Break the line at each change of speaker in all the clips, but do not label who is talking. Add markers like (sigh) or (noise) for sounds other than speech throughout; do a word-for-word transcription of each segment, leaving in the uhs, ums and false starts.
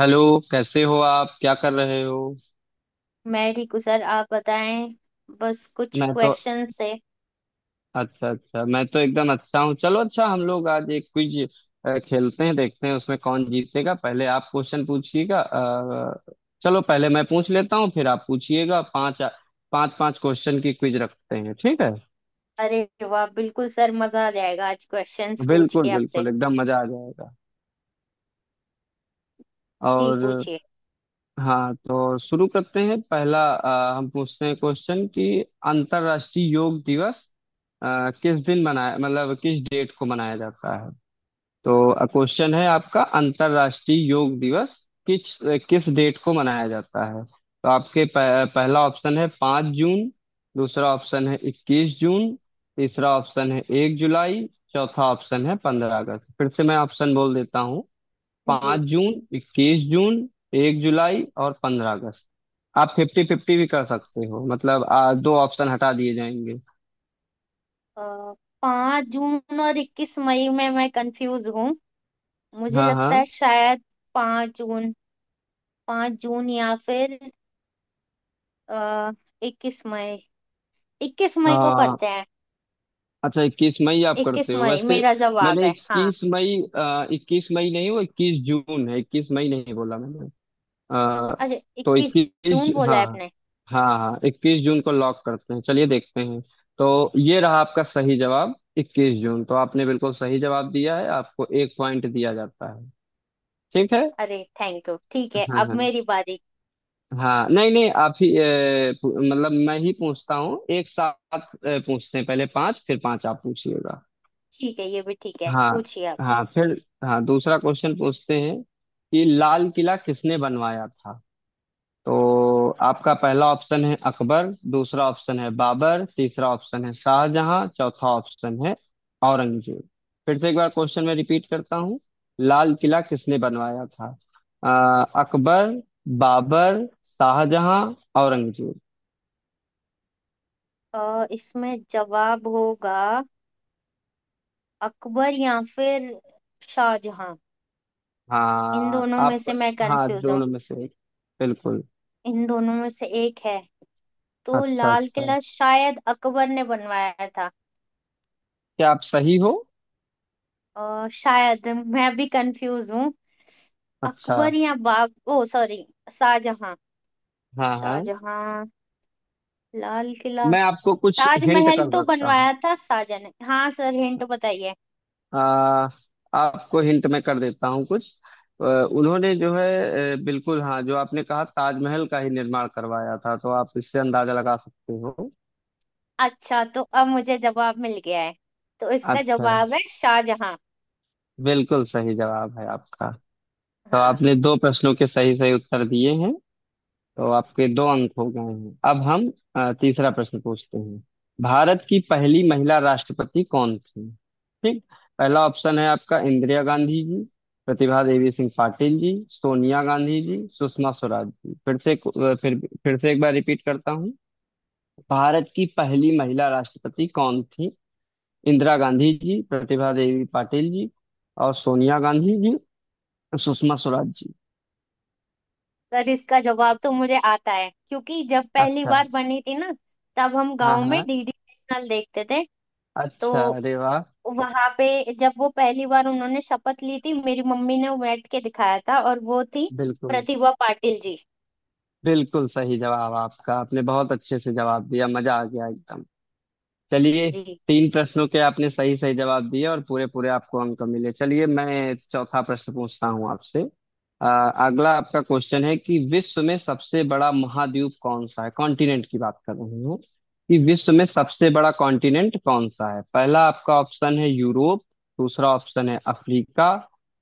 Hello, कैसे हो आप? क्या कर रहे हो?
मैं ठीक हूँ सर, आप बताएं। बस कुछ
मैं तो
क्वेश्चन है।
अच्छा, अच्छा, मैं तो एकदम अच्छा हूँ। चलो अच्छा, हम लोग आज एक क्विज खेलते हैं, देखते हैं उसमें कौन जीतेगा। पहले आप क्वेश्चन पूछिएगा, अ, चलो पहले मैं पूछ लेता हूँ, फिर आप पूछिएगा। पांच पांच पांच क्वेश्चन की क्विज रखते हैं, ठीक है।
अरे वाह, बिल्कुल सर, मजा आ जाएगा आज क्वेश्चंस पूछ के
बिल्कुल
आपसे।
बिल्कुल, एकदम मजा आ जाएगा।
जी
और,
पूछिए।
हाँ, तो शुरू करते हैं। पहला अ, हम पूछते हैं क्वेश्चन कि अंतर्राष्ट्रीय योग दिवस अ, किस दिन मनाया, मतलब किस डेट को मनाया जाता है। तो क्वेश्चन है आपका, अंतर्राष्ट्रीय योग दिवस किस किस डेट को मनाया जाता है। तो आपके प, पहला ऑप्शन है पाँच जून, दूसरा ऑप्शन है इक्कीस जून, तीसरा ऑप्शन है एक जुलाई, चौथा ऑप्शन है पंद्रह अगस्त। फिर से मैं ऑप्शन बोल देता हूँ: पाँच
जी।
जून इक्कीस जून, एक जुलाई और पंद्रह अगस्त। आप फिफ्टी फिफ्टी भी कर सकते हो, मतलब आ, दो ऑप्शन हटा दिए जाएंगे।
पाँच जून और इक्कीस मई में मैं कंफ्यूज हूँ। मुझे
हाँ, हाँ,
लगता है शायद पाँच जून, पाँच जून या फिर आ, इक्कीस मई, इक्कीस मई को
हाँ।
करते हैं।
अच्छा, इक्कीस मई आप
इक्कीस
करते हो
मई
वैसे?
मेरा जवाब
मैंने
है। हाँ,
इक्कीस मई, आ, इक्कीस मई नहीं, वो इक्कीस जून है, इक्कीस मई नहीं बोला मैंने। आ,
अरे
तो
इक्कीस
इक्कीस,
जून बोला
हाँ,
है आपने।
हाँ, हाँ, इक्कीस जून को लॉक करते हैं। चलिए देखते हैं। तो ये रहा आपका सही जवाब इक्कीस जून, तो आपने बिल्कुल सही जवाब दिया है, आपको एक पॉइंट दिया जाता है, ठीक है।
अरे थैंक यू, ठीक है,
हाँ,
अब
हाँ।
मेरी बारी।
हाँ, नहीं नहीं, आप ही ए, पू- मतलब मैं ही पूछता हूँ एक साथ। ए, पूछते हैं पहले पांच, फिर पांच आप पूछिएगा।
ठीक है, ये भी ठीक है,
हाँ,
पूछिए आप।
हाँ, फिर, हाँ, दूसरा क्वेश्चन पूछते हैं कि लाल किला किसने बनवाया था। तो आपका पहला ऑप्शन है अकबर, दूसरा ऑप्शन है बाबर, तीसरा ऑप्शन है शाहजहां, चौथा ऑप्शन है औरंगजेब। फिर से एक बार क्वेश्चन में रिपीट करता हूँ: लाल किला किसने बनवाया था। अ, अकबर, बाबर, शाहजहां, औरंगजेब।
अ, इसमें जवाब होगा अकबर या फिर शाहजहां। इन
हाँ,
दोनों में
आप।
से मैं
हाँ,
कंफ्यूज हूँ।
दोनों में से एक। बिल्कुल।
इन दोनों में से एक है। तो
अच्छा,
लाल
अच्छा।
किला शायद अकबर ने बनवाया था।
क्या आप सही हो?
अ, शायद मैं भी कंफ्यूज हूँ।
अच्छा।
अकबर या बाब, ओ सॉरी, शाहजहां।
हाँ, हाँ।
शाहजहां। लाल किला
मैं आपको कुछ हिंट
ताजमहल
कर
तो
सकता हूँ।
बनवाया था शाहजहां ने। हाँ सर, हिंट बताइए।
आ, आपको हिंट में कर देता हूँ कुछ। अ, उन्होंने जो है, अ, बिल्कुल हाँ, जो आपने कहा, ताजमहल का ही निर्माण करवाया था, तो आप इससे अंदाजा लगा सकते हो।
अच्छा, तो अब मुझे जवाब मिल गया है। तो इसका
अच्छा।
जवाब है शाहजहां।
बिल्कुल सही जवाब है आपका। तो
हाँ
आपने दो प्रश्नों के सही सही उत्तर दिए हैं, तो आपके दो अंक हो गए हैं। अब हम अ, तीसरा प्रश्न पूछते हैं: भारत की पहली महिला राष्ट्रपति कौन थी? ठीक। पहला ऑप्शन है आपका इंदिरा गांधी जी, प्रतिभा देवी सिंह पाटिल जी, सोनिया गांधी जी, सुषमा स्वराज जी। फिर से एक- अ, फिर फिर से एक बार रिपीट करता हूँ: भारत की पहली महिला राष्ट्रपति कौन थी? इंदिरा गांधी जी, प्रतिभा देवी पाटिल जी और सोनिया गांधी जी, सुषमा स्वराज जी।
सर, इसका जवाब तो मुझे आता है, क्योंकि जब पहली
अच्छा।
बार बनी थी ना, तब हम
हाँ,
गांव में
हाँ।
डीडी नेशनल देखते थे।
अच्छा,
तो
अरे वाह।
वहां पे जब वो पहली बार उन्होंने शपथ ली थी, मेरी मम्मी ने बैठ के दिखाया था, और वो थी
बिल्कुल
प्रतिभा पाटिल जी।
बिल्कुल सही जवाब आपका, आपने बहुत अच्छे से जवाब दिया, मजा आ गया एकदम। चलिए।
जी।
तीन प्रश्नों के आपने सही सही जवाब दिए और पूरे पूरे आपको अंक मिले। चलिए मैं चौथा प्रश्न पूछता हूँ आपसे। अ, अगला आपका क्वेश्चन है कि विश्व में सबसे बड़ा महाद्वीप कौन सा है, कॉन्टिनेंट की बात कर रहे हैं, कि विश्व में सबसे बड़ा कॉन्टिनेंट कौन सा है। पहला आपका ऑप्शन है यूरोप, दूसरा ऑप्शन है अफ्रीका,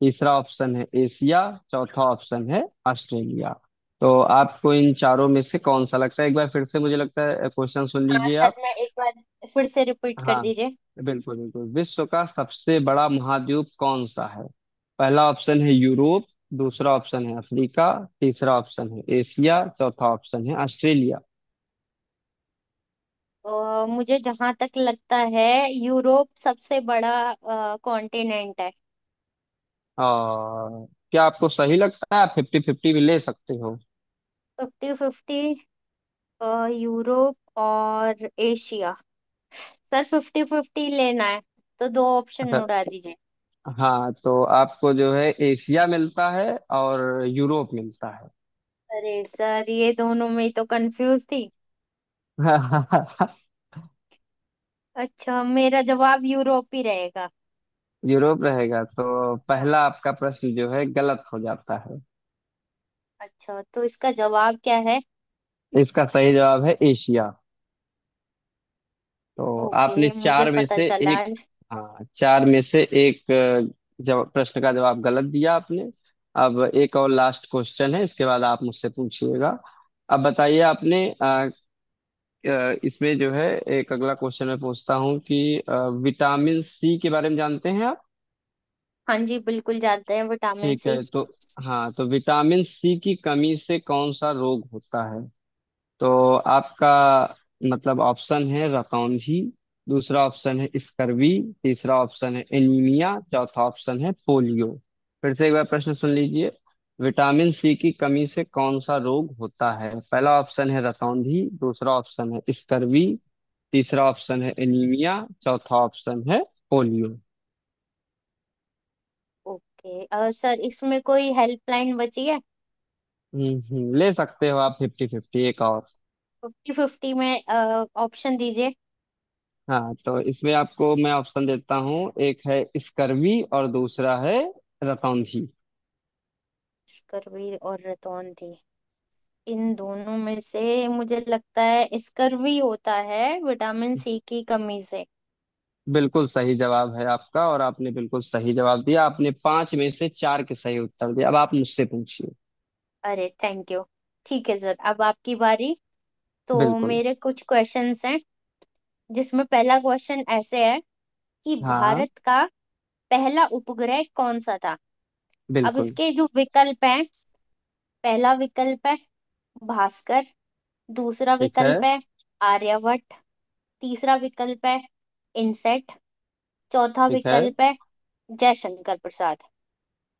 तीसरा ऑप्शन है एशिया, चौथा ऑप्शन है ऑस्ट्रेलिया। तो आपको इन चारों में से कौन सा लगता है? एक बार फिर से मुझे लगता है क्वेश्चन सुन
हाँ
लीजिए
सर,
आप।
मैं एक बार फिर से रिपीट कर
हाँ,
दीजिए।
बिल्कुल बिल्कुल, विश्व का सबसे बड़ा महाद्वीप कौन सा है? पहला ऑप्शन है यूरोप, दूसरा ऑप्शन है अफ्रीका, तीसरा ऑप्शन है एशिया, चौथा ऑप्शन है ऑस्ट्रेलिया।
अ, मुझे जहां तक लगता है यूरोप सबसे बड़ा कॉन्टिनेंट है।
और क्या आपको सही लगता है? आप फिफ्टी फिफ्टी भी ले सकते हो।
Fifty fifty. यूरोप और एशिया। सर, फिफ्टी फिफ्टी लेना है, तो दो ऑप्शन
अच्छा।
उड़ा दीजिए।
हाँ, तो आपको जो है, एशिया मिलता है और यूरोप मिलता है।
अरे सर, ये दोनों में ही तो कंफ्यूज थी।
(laughs)
अच्छा, मेरा जवाब यूरोप ही रहेगा।
यूरोप रहेगा, तो
हाँ।
पहला आपका प्रश्न जो है गलत हो जाता है।
अच्छा, तो इसका जवाब क्या है।
इसका सही जवाब है एशिया। तो आपने
ओके, मुझे
चार में
पता
से
चला।
एक, हाँ, चार में से एक अ, जवाब प्रश्न का जवाब गलत दिया आपने। अब एक और लास्ट क्वेश्चन है, इसके बाद आप मुझसे पूछिएगा। अब बताइए आपने, अ, अ, इसमें जो है, एक अगला क्वेश्चन मैं पूछता हूँ कि अ, विटामिन सी के बारे में जानते हैं आप।
हाँ जी, बिल्कुल जाते हैं विटामिन
ठीक
सी।
है तो, हाँ तो विटामिन सी की कमी से कौन सा रोग होता है? तो आपका मतलब ऑप्शन है रतौंधी, दूसरा ऑप्शन है स्कर्वी, तीसरा ऑप्शन है एनीमिया, चौथा ऑप्शन है पोलियो। फिर से एक बार प्रश्न सुन लीजिए: विटामिन सी की कमी से कौन सा रोग होता है? पहला ऑप्शन है रतौंधी, दूसरा ऑप्शन है स्कर्वी, तीसरा ऑप्शन है एनीमिया, चौथा ऑप्शन है पोलियो।
ओके, अ, सर, इसमें कोई हेल्पलाइन बची है।
हम्म हम्म, ले सकते हो आप फिफ्टी फिफ्टी एक और।
फिफ्टी फिफ्टी में ऑप्शन दीजिए।
हाँ, तो इसमें आपको मैं ऑप्शन देता हूँ: एक है स्कर्वी और दूसरा है रतौंधी।
स्कर्वी और रतौन थी, इन दोनों में से मुझे लगता है स्कर्वी होता है विटामिन सी की कमी से।
बिल्कुल सही जवाब है आपका और आपने बिल्कुल सही जवाब दिया, आपने पांच में से चार के सही उत्तर दिए। अब आप मुझसे पूछिए।
अरे थैंक यू। ठीक है सर, अब आपकी बारी। तो
बिल्कुल।
मेरे कुछ क्वेश्चंस हैं, जिसमें पहला क्वेश्चन ऐसे है कि
हाँ, हाँ।
भारत का पहला उपग्रह कौन सा था। अब
बिल्कुल।
इसके जो विकल्प हैं, पहला विकल्प है भास्कर, दूसरा
ठीक है।
विकल्प है आर्यभट्ट, तीसरा विकल्प है इनसेट, चौथा
ठीक है।
विकल्प है जयशंकर प्रसाद।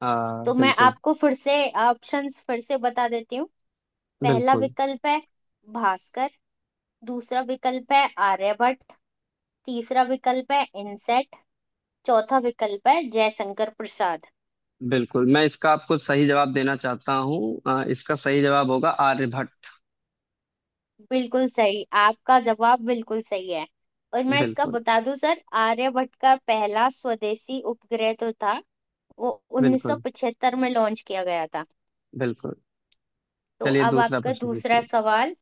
आ,
तो मैं
बिल्कुल।
आपको फिर से ऑप्शंस फिर से बता देती हूँ। पहला
बिल्कुल।
विकल्प है भास्कर, दूसरा विकल्प है आर्यभट्ट, तीसरा विकल्प है इनसेट, चौथा विकल्प है जयशंकर प्रसाद।
बिल्कुल, मैं इसका आपको सही जवाब देना चाहता हूँ। आ, इसका सही जवाब होगा आर्यभट्ट।
बिल्कुल सही, आपका जवाब बिल्कुल सही है। और मैं इसका
बिल्कुल
बता दूं सर, आर्यभट्ट का पहला स्वदेशी उपग्रह तो था। वो
बिल्कुल।
उन्नीस सौ पचहत्तर में लॉन्च किया गया था।
बिल्कुल,
तो
चलिए
अब
दूसरा
आपका
प्रश्न
दूसरा
पूछिए।
सवाल।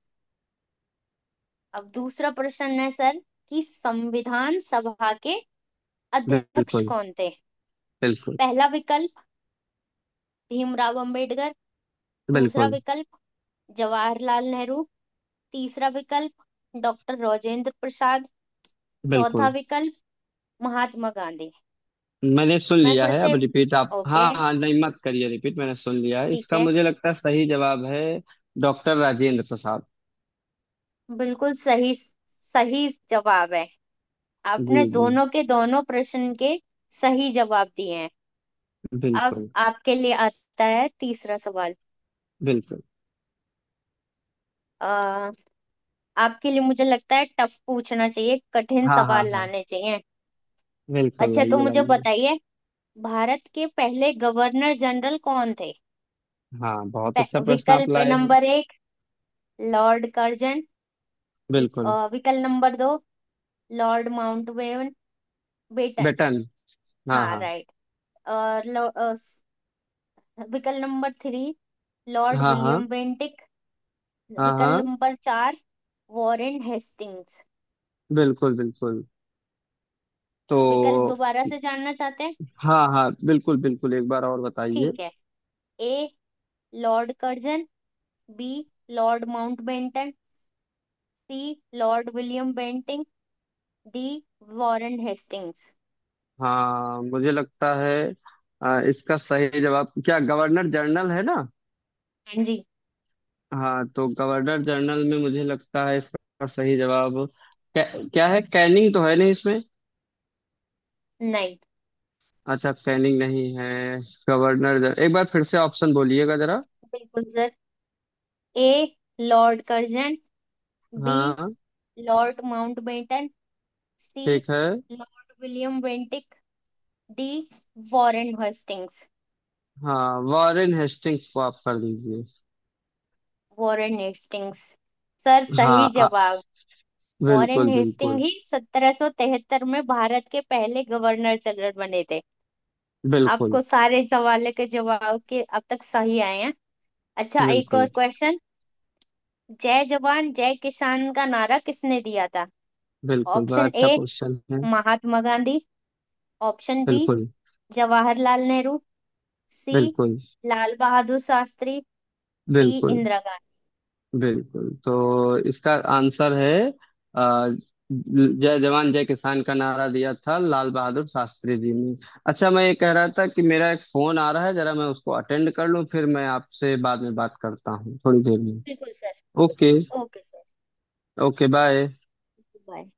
अब दूसरा प्रश्न है सर, कि संविधान सभा के अध्यक्ष
बिल्कुल।
कौन थे।
बिल्कुल।
पहला विकल्प भीमराव अंबेडकर, दूसरा
बिल्कुल।
विकल्प जवाहरलाल नेहरू, तीसरा विकल्प डॉक्टर राजेंद्र प्रसाद, चौथा
बिल्कुल
विकल्प महात्मा गांधी।
मैंने सुन
मैं
लिया
फिर
है।
से।
अब रिपीट आप,
ओके,
हाँ, हाँ, नहीं मत करिए रिपीट, मैंने सुन लिया है।
ठीक
इसका
है।
मुझे लगता है सही जवाब है डॉक्टर राजेंद्र प्रसाद।
बिल्कुल सही, सही जवाब है।
जी,
आपने
जी।
दोनों के दोनों प्रश्न के सही जवाब दिए हैं। अब
बिल्कुल।
आपके लिए आता है तीसरा सवाल।
बिल्कुल।
आ, आपके लिए मुझे लगता है टफ पूछना चाहिए, कठिन
हाँ, हाँ,
सवाल
हाँ।
लाने चाहिए।
बिल्कुल,
अच्छा, तो
लाइए
मुझे
लाइए।
बताइए, भारत के पहले गवर्नर जनरल कौन थे।
हाँ, बहुत अच्छा
पे-
प्रश्न आप
विकल्प
लाए हो।
नंबर एक लॉर्ड कर्जन, ल-
बिल्कुल।
अ, विकल्प नंबर दो लॉर्ड माउंटबेटन, बेटन।
बेटन। हाँ,
हाँ
हाँ।
राइट। और लो- अ, स- विकल्प नंबर थ्री लॉर्ड
हाँ, हाँ।
विलियम बेंटिक,
हाँ,
विकल्प
हाँ।
नंबर चार वॉरेन हेस्टिंग्स।
बिल्कुल बिल्कुल। तो,
विकल्प दोबारा से जानना चाहते हैं।
हाँ, हाँ, बिल्कुल बिल्कुल, एक बार और बताइए।
ठीक है। A lord Curzon, B lord Mountbatten, C lord William Bentinck, D Warren Hastings.
हाँ, मुझे लगता है अ, इसका सही जवाब, क्या गवर्नर जनरल है ना?
हाँ जी।
हाँ, तो गवर्नर जनरल में मुझे लगता है इसका सही जवाब क्या, क्या है? कैनिंग तो है नहीं इसमें।
नहीं।
अच्छा, कैनिंग नहीं है। गवर्नर जनरल एक बार फिर से ऑप्शन बोलिएगा जरा।
बिल्कुल sir. A lord Curzon, B
हाँ।
लॉर्ड माउंटबेटन, सी
ठीक है।
Lord William Bentinck, D Warren Hastings.
हाँ, वॉरेन हेस्टिंग्स को आप कर दीजिए।
वॉरेन हेस्टिंग्स सर,
हाँ,
सही
आ,
जवाब। वॉरेन
बिल्कुल
हेस्टिंग
बिल्कुल।
ही सत्रह सौ तिहत्तर में भारत के पहले गवर्नर जनरल बने थे।
बिल्कुल।
आपको सारे सवालों के जवाब के अब तक सही आए हैं। अच्छा, एक और
बिल्कुल।
क्वेश्चन। जय जवान जय किसान का नारा किसने दिया था।
बिल्कुल, बड़ा
ऑप्शन
अच्छा
ए
क्वेश्चन है।
महात्मा गांधी, ऑप्शन बी
बिल्कुल।
जवाहरलाल नेहरू, सी
बिल्कुल।
लाल बहादुर शास्त्री, टी
बिल्कुल।
इंदिरा गांधी।
बिल्कुल, तो इसका आंसर है, अ, जय जवान जय किसान का नारा दिया था लाल बहादुर शास्त्री जी ने। अच्छा, मैं ये कह रहा था कि मेरा एक फोन आ रहा है, जरा मैं उसको अटेंड कर लूं, फिर मैं आपसे बाद में बात करता हूँ थोड़ी देर में।
बिल्कुल sir.
Okay.
Okay sir.
Okay, bye.
Bye.